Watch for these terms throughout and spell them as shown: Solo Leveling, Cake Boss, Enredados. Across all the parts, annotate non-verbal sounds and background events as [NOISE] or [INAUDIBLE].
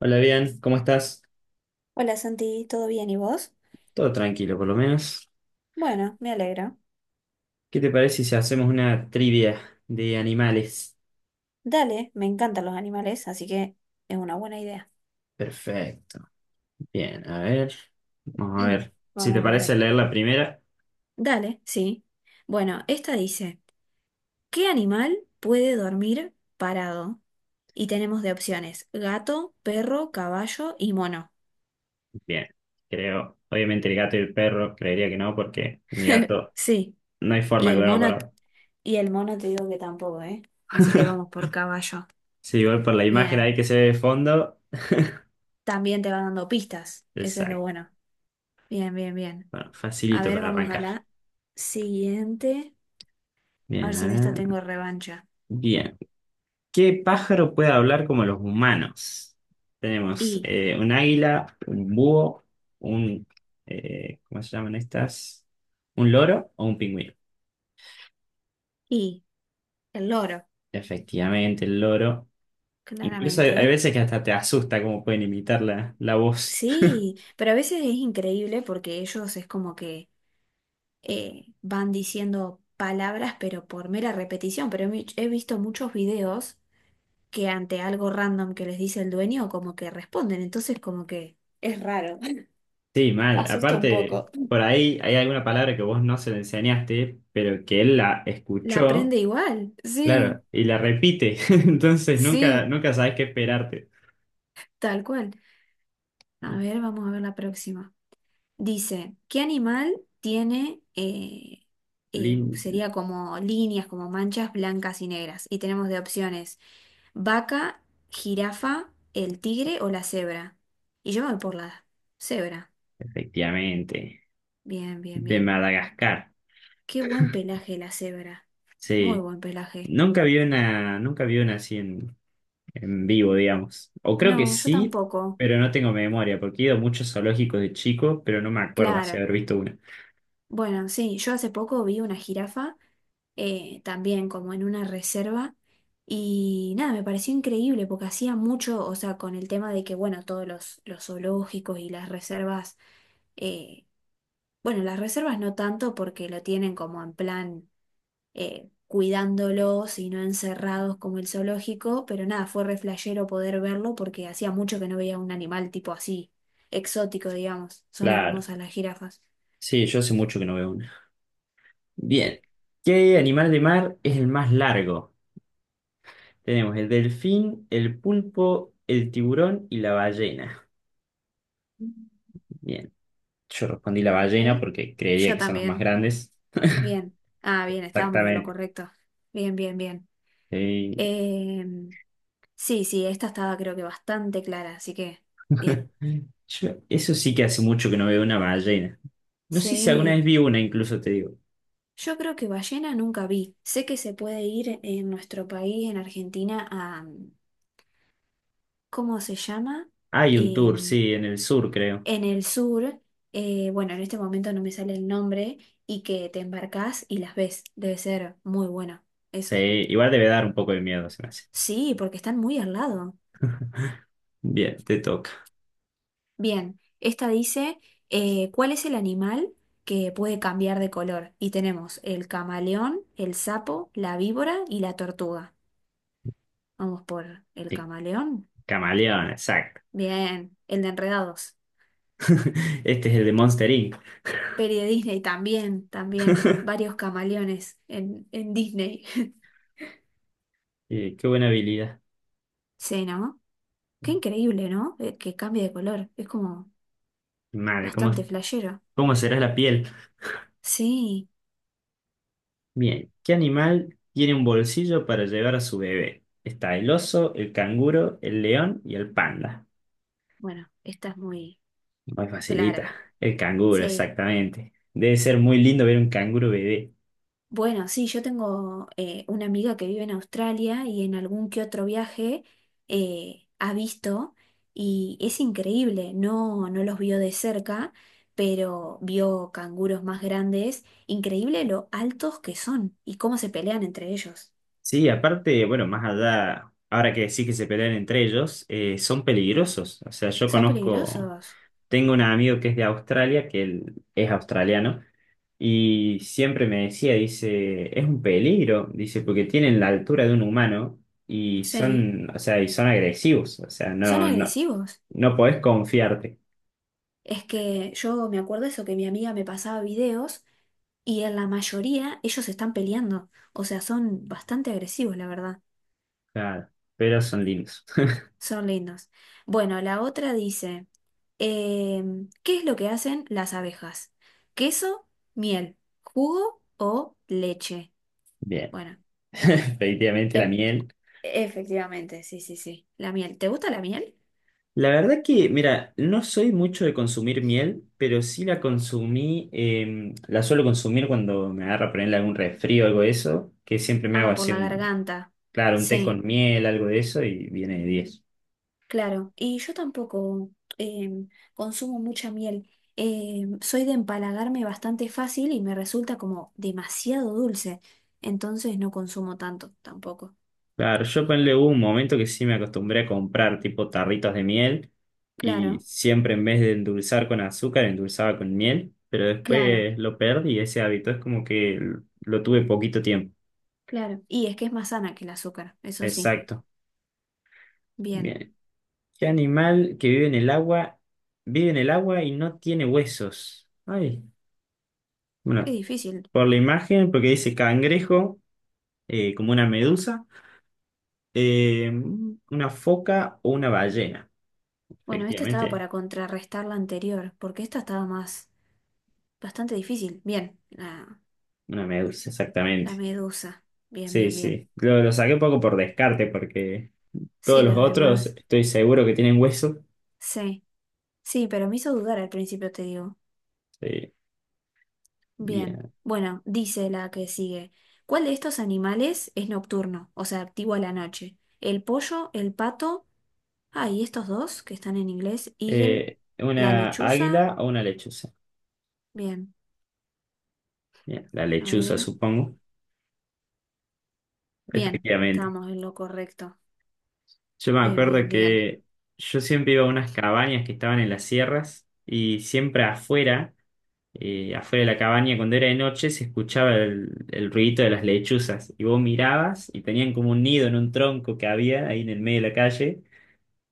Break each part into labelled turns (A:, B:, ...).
A: Hola, bien, ¿cómo estás?
B: Hola Santi, ¿todo bien y vos?
A: Todo tranquilo, por lo menos.
B: Bueno, me alegro.
A: ¿Qué te parece si hacemos una trivia de animales?
B: Dale, me encantan los animales, así que es una buena idea.
A: Perfecto. Bien, a ver. Vamos a
B: [CLEARS THROAT]
A: ver. Si te
B: Vamos a
A: parece
B: ver.
A: leer la primera,
B: Dale, sí. Bueno, esta dice, ¿qué animal puede dormir parado? Y tenemos de opciones, gato, perro, caballo y mono.
A: bien. Creo, obviamente el gato y el perro, creería que no, porque mi
B: [LAUGHS]
A: gato
B: Sí,
A: no hay
B: y
A: forma que
B: el
A: duerma
B: mono,
A: parado.
B: y el mono te digo que tampoco, ¿eh? Así que vamos
A: [LAUGHS]
B: por caballo.
A: Sí, igual por la imagen ahí
B: Bien.
A: que se ve de fondo.
B: También te va dando pistas. Eso es lo
A: Exacto.
B: bueno. Bien, bien, bien.
A: Bueno,
B: A
A: facilito
B: ver,
A: para
B: vamos a
A: arrancar.
B: la siguiente. A ver
A: Bien, a
B: si en esta
A: ver.
B: tengo revancha.
A: Bien. ¿Qué pájaro puede hablar como los humanos? Tenemos
B: Y,
A: un águila, un búho, un... ¿cómo se llaman estas? ¿Un loro o un pingüino?
B: y, el loro,
A: Efectivamente, el loro. Incluso hay,
B: claramente.
A: hay
B: ¿Eh?
A: veces que hasta te asusta cómo pueden imitar la voz. [LAUGHS]
B: Sí, pero a veces es increíble porque ellos es como que van diciendo palabras, pero por mera repetición. Pero he visto muchos videos que ante algo random que les dice el dueño, como que responden. Entonces, como que es raro. [LAUGHS]
A: Sí, mal.
B: Asusta un
A: Aparte,
B: poco.
A: por ahí hay alguna palabra que vos no se le enseñaste, pero que él la
B: La
A: escuchó,
B: aprende igual. Sí,
A: claro, y la repite. [LAUGHS] Entonces nunca,
B: sí,
A: nunca sabes qué esperarte.
B: tal cual. A ver, vamos a ver la próxima. Dice, ¿qué animal tiene,
A: Lin,
B: sería como líneas, como manchas blancas y negras? Y tenemos de opciones vaca, jirafa, el tigre o la cebra. Y yo me voy por la cebra.
A: efectivamente.
B: Bien, bien,
A: De
B: bien.
A: Madagascar,
B: Qué buen pelaje la cebra. Muy
A: sí.
B: buen pelaje.
A: Nunca vi una así en vivo, digamos. O creo que
B: No, yo
A: sí,
B: tampoco.
A: pero no tengo memoria, porque he ido a muchos zoológicos de chico, pero no me acuerdo así
B: Claro.
A: haber visto una.
B: Bueno, sí, yo hace poco vi una jirafa, también como en una reserva, y nada, me pareció increíble porque hacía mucho, o sea, con el tema de que, bueno, los zoológicos y las reservas, eh, bueno, las reservas no tanto porque lo tienen como en plan cuidándolos y no encerrados como el zoológico, pero nada, fue re flashero poder verlo porque hacía mucho que no veía un animal tipo así, exótico, digamos. Son
A: Claro.
B: hermosas las jirafas.
A: Sí, yo hace mucho que no veo una. Bien. ¿Qué animal de mar es el más largo? Tenemos el delfín, el pulpo, el tiburón y la ballena. Bien. Yo respondí la
B: A
A: ballena
B: ver,
A: porque creía
B: yo
A: que son los más
B: también.
A: grandes.
B: Bien. Ah, bien, estábamos en lo
A: Exactamente.
B: correcto. Bien, bien, bien.
A: Sí.
B: Em, sí, sí, esta estaba creo que bastante clara, así que bien.
A: Eso sí que hace mucho que no veo una ballena. No sé si alguna vez
B: Sí,
A: vi una, incluso te digo.
B: yo creo que ballena nunca vi. Sé que se puede ir en nuestro país, en Argentina, a... ¿Cómo se llama?
A: Hay un tour,
B: Em,
A: sí, en el sur, creo.
B: en el sur, bueno, en este momento no me sale el nombre, y que te embarcás y las ves. Debe ser muy bueno.
A: Sí,
B: Eso.
A: igual debe dar un poco de miedo, se me hace.
B: Sí, porque están muy al lado.
A: Bien, te toca.
B: Bien, esta dice, ¿cuál es el animal que puede cambiar de color? Y tenemos el camaleón, el sapo, la víbora y la tortuga. Vamos por el
A: Eh,
B: camaleón.
A: Camaleón, exacto.
B: Bien, el de Enredados.
A: [LAUGHS] Este es el de Monster Inc.
B: Peri de Disney también, también.
A: [LAUGHS]
B: Varios camaleones en Disney. [LAUGHS]
A: Qué buena habilidad.
B: Sí, ¿no? Qué increíble, ¿no? Que cambie de color. Es como
A: Madre, ¿cómo,
B: bastante flashero.
A: cómo será la piel?
B: Sí,
A: Bien, ¿qué animal tiene un bolsillo para llevar a su bebé? Está el oso, el canguro, el león y el panda.
B: bueno, esta es muy
A: Muy facilita.
B: clara.
A: El canguro,
B: Sí.
A: exactamente. Debe ser muy lindo ver un canguro bebé.
B: Bueno, sí, yo tengo una amiga que vive en Australia y en algún que otro viaje ha visto y es increíble, no, no los vio de cerca, pero vio canguros más grandes, increíble lo altos que son y cómo se pelean entre ellos.
A: Sí, aparte, bueno, más allá, ahora que sí que se pelean entre ellos, son peligrosos. O sea, yo
B: Son
A: conozco,
B: peligrosos,
A: tengo un amigo que es de Australia, que él es australiano, y siempre me decía, dice, es un peligro, dice, porque tienen la altura de un humano y
B: sí,
A: son, o sea, y son agresivos. O sea,
B: son
A: no, no,
B: agresivos.
A: no podés confiarte.
B: Es que yo me acuerdo eso, que mi amiga me pasaba videos y en la mayoría ellos están peleando, o sea, son bastante agresivos, la verdad.
A: Claro, pero son lindos.
B: Son lindos. Bueno, la otra dice, ¿qué es lo que hacen las abejas? ¿Queso, miel, jugo o leche?
A: Bien,
B: Bueno,
A: [LAUGHS] efectivamente la
B: em,
A: miel.
B: efectivamente, sí, sí, sí. La miel. ¿Te gusta la miel?
A: La verdad que, mira, no soy mucho de consumir miel, pero sí la consumí, la suelo consumir cuando me agarra ponerle algún resfrío o algo de eso, que siempre me hago
B: Ah, por
A: así
B: la
A: un,
B: garganta.
A: claro, un té
B: Sí,
A: con miel, algo de eso, y viene de diez.
B: claro. Y yo tampoco em, consumo mucha miel. Soy de empalagarme bastante fácil y me resulta como demasiado dulce. Entonces no consumo tanto tampoco.
A: Claro, yo ponle hubo un momento que sí me acostumbré a comprar tipo tarritos de miel, y
B: Claro,
A: siempre en vez de endulzar con azúcar, endulzaba con miel, pero
B: claro.
A: después lo perdí ese hábito, es como que lo tuve poquito tiempo.
B: Claro. Y es que es más sana que el azúcar, eso sí.
A: Exacto.
B: Bien.
A: Bien, ¿qué animal que vive en el agua y no tiene huesos? Ay,
B: Qué
A: bueno,
B: difícil.
A: por la imagen, porque dice cangrejo, como una medusa, eh, una foca o una ballena.
B: Bueno, esta estaba
A: Efectivamente,
B: para contrarrestar la anterior, porque esta estaba más, bastante difícil. Bien.
A: una medusa,
B: La
A: exactamente.
B: medusa. Bien,
A: Sí,
B: bien, bien.
A: sí. Lo saqué un poco por descarte, porque todos
B: Sí,
A: los
B: los
A: otros
B: demás.
A: estoy seguro que tienen huesos.
B: Sí. Sí, pero me hizo dudar al principio, te digo.
A: Sí,
B: Bien.
A: bien.
B: Bueno, dice la que sigue. ¿Cuál de estos animales es nocturno? O sea, activo a la noche. ¿El pollo, el pato? Ah, y estos dos que están en inglés. Eagle, la
A: ¿Una
B: lechuza.
A: águila o una lechuza?
B: Bien.
A: Bien, la
B: A
A: lechuza,
B: ver.
A: supongo.
B: Bien,
A: Efectivamente.
B: estábamos en lo correcto.
A: Yo me
B: Bien,
A: acuerdo
B: bien, bien.
A: que yo siempre iba a unas cabañas que estaban en las sierras y siempre afuera de la cabaña, cuando era de noche, se escuchaba el ruidito de las lechuzas y vos mirabas y tenían como un nido en un tronco que había ahí en el medio de la calle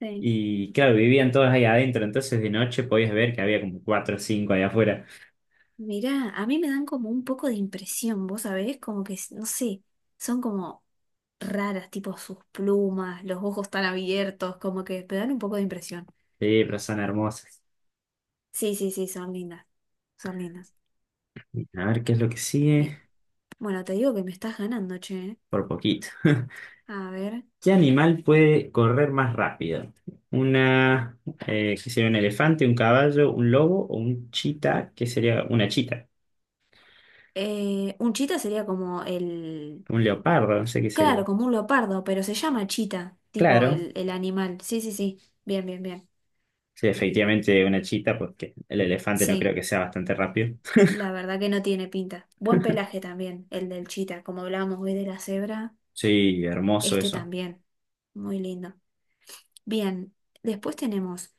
B: Sí.
A: y claro, vivían todas ahí adentro, entonces de noche podías ver que había como cuatro o cinco ahí afuera.
B: Mirá, a mí me dan como un poco de impresión, vos sabés, como que, no sé, son como raras, tipo sus plumas, los ojos tan abiertos, como que me dan un poco de impresión.
A: Sí, pero son hermosas.
B: Sí, sí, sí, son lindas, son lindas.
A: A ver qué es lo que
B: Bien.
A: sigue,
B: Bueno, te digo que me estás ganando, che. ¿Eh?
A: por poquito.
B: A ver.
A: ¿Qué animal puede correr más rápido? Una, ¿Qué sería un elefante, un caballo, un lobo o un chita? ¿Qué sería una chita?
B: Un chita sería como el...
A: Un leopardo, no sé qué sería.
B: Claro, como un leopardo, pero se llama chita, tipo
A: Claro,
B: el animal. Sí, sí, sí. Bien, bien, bien.
A: sí, efectivamente una chita, porque el elefante no
B: Sí.
A: creo que sea bastante rápido.
B: La verdad que no tiene pinta. Buen pelaje también, el del chita, como hablábamos hoy de la cebra,
A: Sí, hermoso
B: este
A: eso.
B: también. Muy lindo. Bien, después tenemos,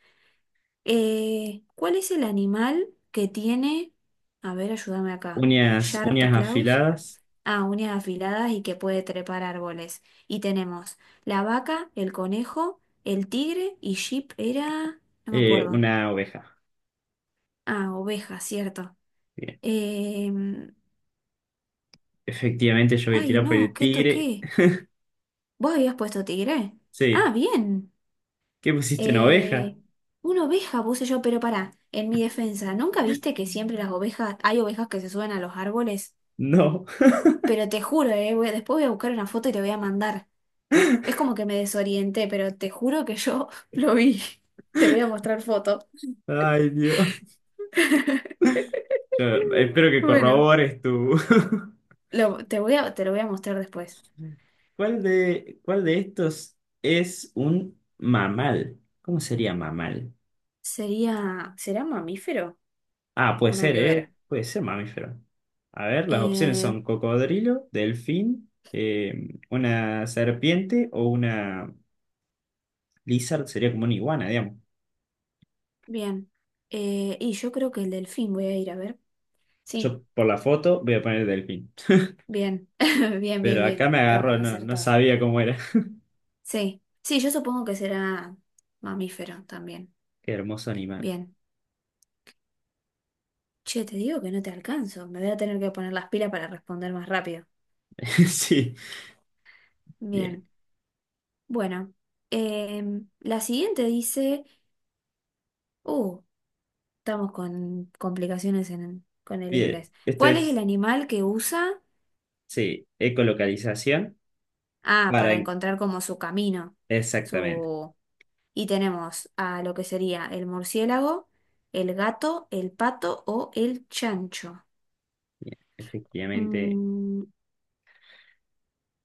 B: ¿cuál es el animal que tiene, a ver, ayúdame acá,
A: Uñas,
B: sharp
A: uñas
B: claws?
A: afiladas,
B: Ah, uñas afiladas y que puede trepar árboles. Y tenemos la vaca, el conejo, el tigre y sheep era, no me acuerdo.
A: una oveja.
B: Ah, oveja, cierto.
A: Bien.
B: Em,
A: Efectivamente yo voy a
B: Ay,
A: tirar por
B: no,
A: el
B: ¿qué
A: tigre.
B: toqué? ¿Vos habías puesto tigre?
A: Sí.
B: Ah, bien.
A: ¿Qué pusiste, una oveja?
B: Eh, una oveja puse yo, pero pará, en mi defensa, ¿nunca viste que siempre las ovejas, hay ovejas que se suben a los árboles?
A: No.
B: Pero te juro, después voy a buscar una foto y te voy a mandar. Es
A: [LAUGHS]
B: como que me desorienté, pero te juro que yo [LAUGHS] lo vi. Te voy a mostrar foto.
A: Ay, Dios.
B: [LAUGHS]
A: Yo espero que
B: Bueno,
A: corrobores tu... [LAUGHS]
B: te voy a, te lo voy a mostrar después.
A: ¿Cuál de estos es un mamal? ¿Cómo sería mamal?
B: Sería, ¿será mamífero?
A: Ah, puede
B: Una
A: ser,
B: que ver.
A: ¿eh? Puede ser mamífero. A ver, las opciones
B: Eh,
A: son cocodrilo, delfín, una serpiente o una lizard, sería como una iguana, digamos.
B: bien. Y yo creo que el delfín voy a ir a ver. Sí.
A: Yo por la foto voy a poner delfín.
B: Bien, [LAUGHS] bien, bien,
A: Pero acá
B: bien.
A: me agarró,
B: Estamos
A: no, no
B: acertados.
A: sabía cómo era.
B: Sí, sí, yo supongo que será mamífero también.
A: [LAUGHS] Qué hermoso animal. [LAUGHS]
B: Bien. Che, te digo que no te alcanzo. Me voy a tener que poner las pilas para responder más rápido.
A: Sí, bien,
B: Bien. Bueno, la siguiente dice, uh, estamos con complicaciones en, con el
A: bien.
B: inglés.
A: Este
B: ¿Cuál es el
A: es,
B: animal que usa?
A: sí, ecolocalización.
B: Ah,
A: Para,
B: para encontrar como su camino,
A: exactamente.
B: su, y tenemos a lo que sería el murciélago, el gato, el pato o el chancho.
A: Bien, efectivamente,
B: Mm,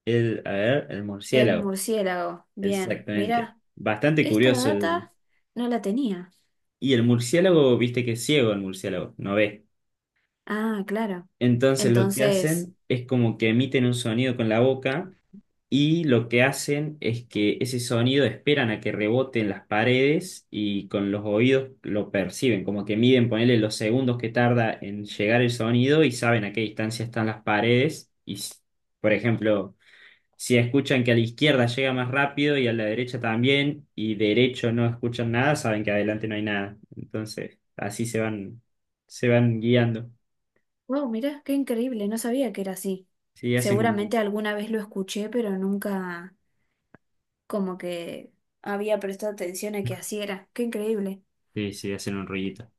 A: a ver, el
B: el
A: murciélago.
B: murciélago. Bien,
A: Exactamente.
B: mira,
A: Bastante
B: esta
A: curioso. el-
B: data no la tenía.
A: y el murciélago, viste que es ciego el murciélago, no ve.
B: Ah, claro.
A: Entonces lo que
B: Entonces,
A: hacen es como que emiten un sonido con la boca y lo que hacen es que ese sonido esperan a que rebote en las paredes y con los oídos lo perciben, como que miden, ponerle los segundos que tarda en llegar el sonido y saben a qué distancia están las paredes y por ejemplo. Si escuchan que a la izquierda llega más rápido y a la derecha también, y derecho no escuchan nada, saben que adelante no hay nada. Entonces, así se van guiando.
B: wow, mira, qué increíble, no sabía que era así.
A: Sí,
B: Seguramente alguna vez lo escuché, pero nunca como que había prestado atención a que así era. Qué increíble.
A: sí, sí, hacen un rollito.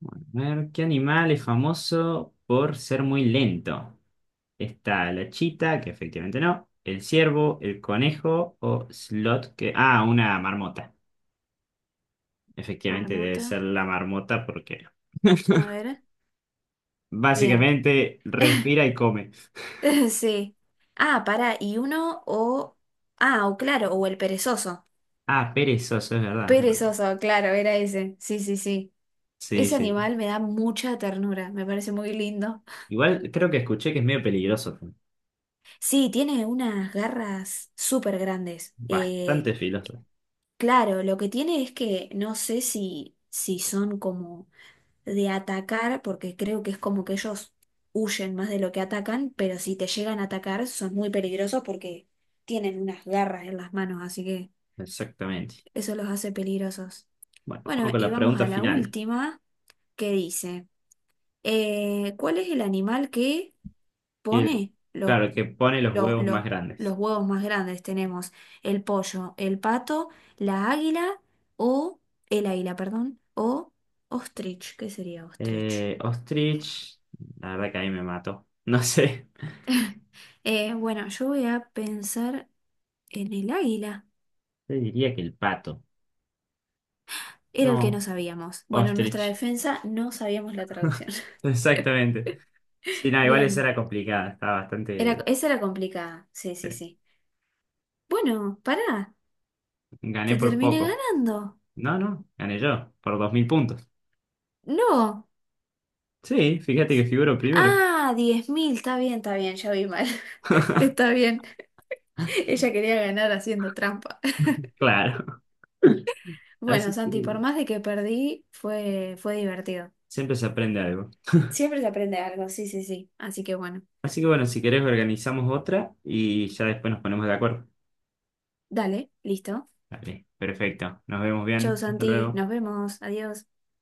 A: Bueno, a ver, ¿qué animal es famoso por ser muy lento? Está la chita, que efectivamente no, el ciervo, el conejo o slot, que, una marmota. Efectivamente debe
B: Marmota,
A: ser la marmota porque
B: a
A: [LAUGHS]
B: ver. Bien.
A: básicamente
B: [LAUGHS]
A: respira y come.
B: [LAUGHS] Sí. Ah, para, y uno o... Ah, o claro, o el perezoso.
A: Ah, perezoso, es verdad. Bueno,
B: Perezoso, claro, era ese. Sí, sí, sí.
A: sí,
B: Ese
A: sí.
B: animal me da mucha ternura, me parece muy lindo.
A: Igual creo que escuché que es medio peligroso.
B: Sí, tiene unas garras súper grandes.
A: Bastante filoso.
B: Claro, lo que tiene es que no sé si son como de atacar, porque creo que es como que ellos huyen más de lo que atacan, pero si te llegan a atacar son muy peligrosos porque tienen unas garras en las manos, así que...
A: Exactamente.
B: Eso los hace peligrosos.
A: Bueno,
B: Bueno,
A: vamos con
B: y
A: la
B: vamos
A: pregunta
B: a la
A: final.
B: última que dice, ¿cuál es el animal que
A: Que-
B: pone
A: claro, que pone los
B: los,
A: huevos más
B: los, los
A: grandes.
B: huevos más grandes? Tenemos el pollo, el pato, la águila o el águila, perdón, o ostrich. ¿Qué sería ostrich?
A: Ostrich, la verdad que ahí me mato. No sé. [LAUGHS]
B: [LAUGHS] Bueno, yo voy a pensar en el águila.
A: Yo diría que el pato.
B: Era el que no
A: No,
B: sabíamos. Bueno, en nuestra
A: ostrich.
B: defensa no sabíamos la traducción.
A: [LAUGHS] Exactamente. Sí,
B: [LAUGHS]
A: no, igual esa
B: Bien.
A: era complicada. Estaba
B: Era,
A: bastante.
B: esa era complicada. Sí, sí,
A: eh,
B: sí. Bueno, pará.
A: Gané
B: Te
A: por
B: terminé
A: poco.
B: ganando.
A: No, no, gané yo, por 2000 puntos.
B: No.
A: Sí, fíjate que figuro primero.
B: Ah, 10,000. Está bien, está bien. Ya vi mal. [LAUGHS] Está bien. Ella quería ganar haciendo trampa. [LAUGHS]
A: Claro. [LAUGHS]
B: Bueno,
A: Así que
B: Santi, por más de que perdí, fue divertido.
A: siempre se aprende algo.
B: Siempre se aprende algo. Sí, sí, sí. Así que bueno.
A: Así que bueno, si querés organizamos otra y ya después nos ponemos de acuerdo.
B: Dale, listo.
A: Dale, perfecto. Nos vemos
B: Chau,
A: bien. Hasta
B: Santi.
A: luego.
B: Nos vemos. Adiós.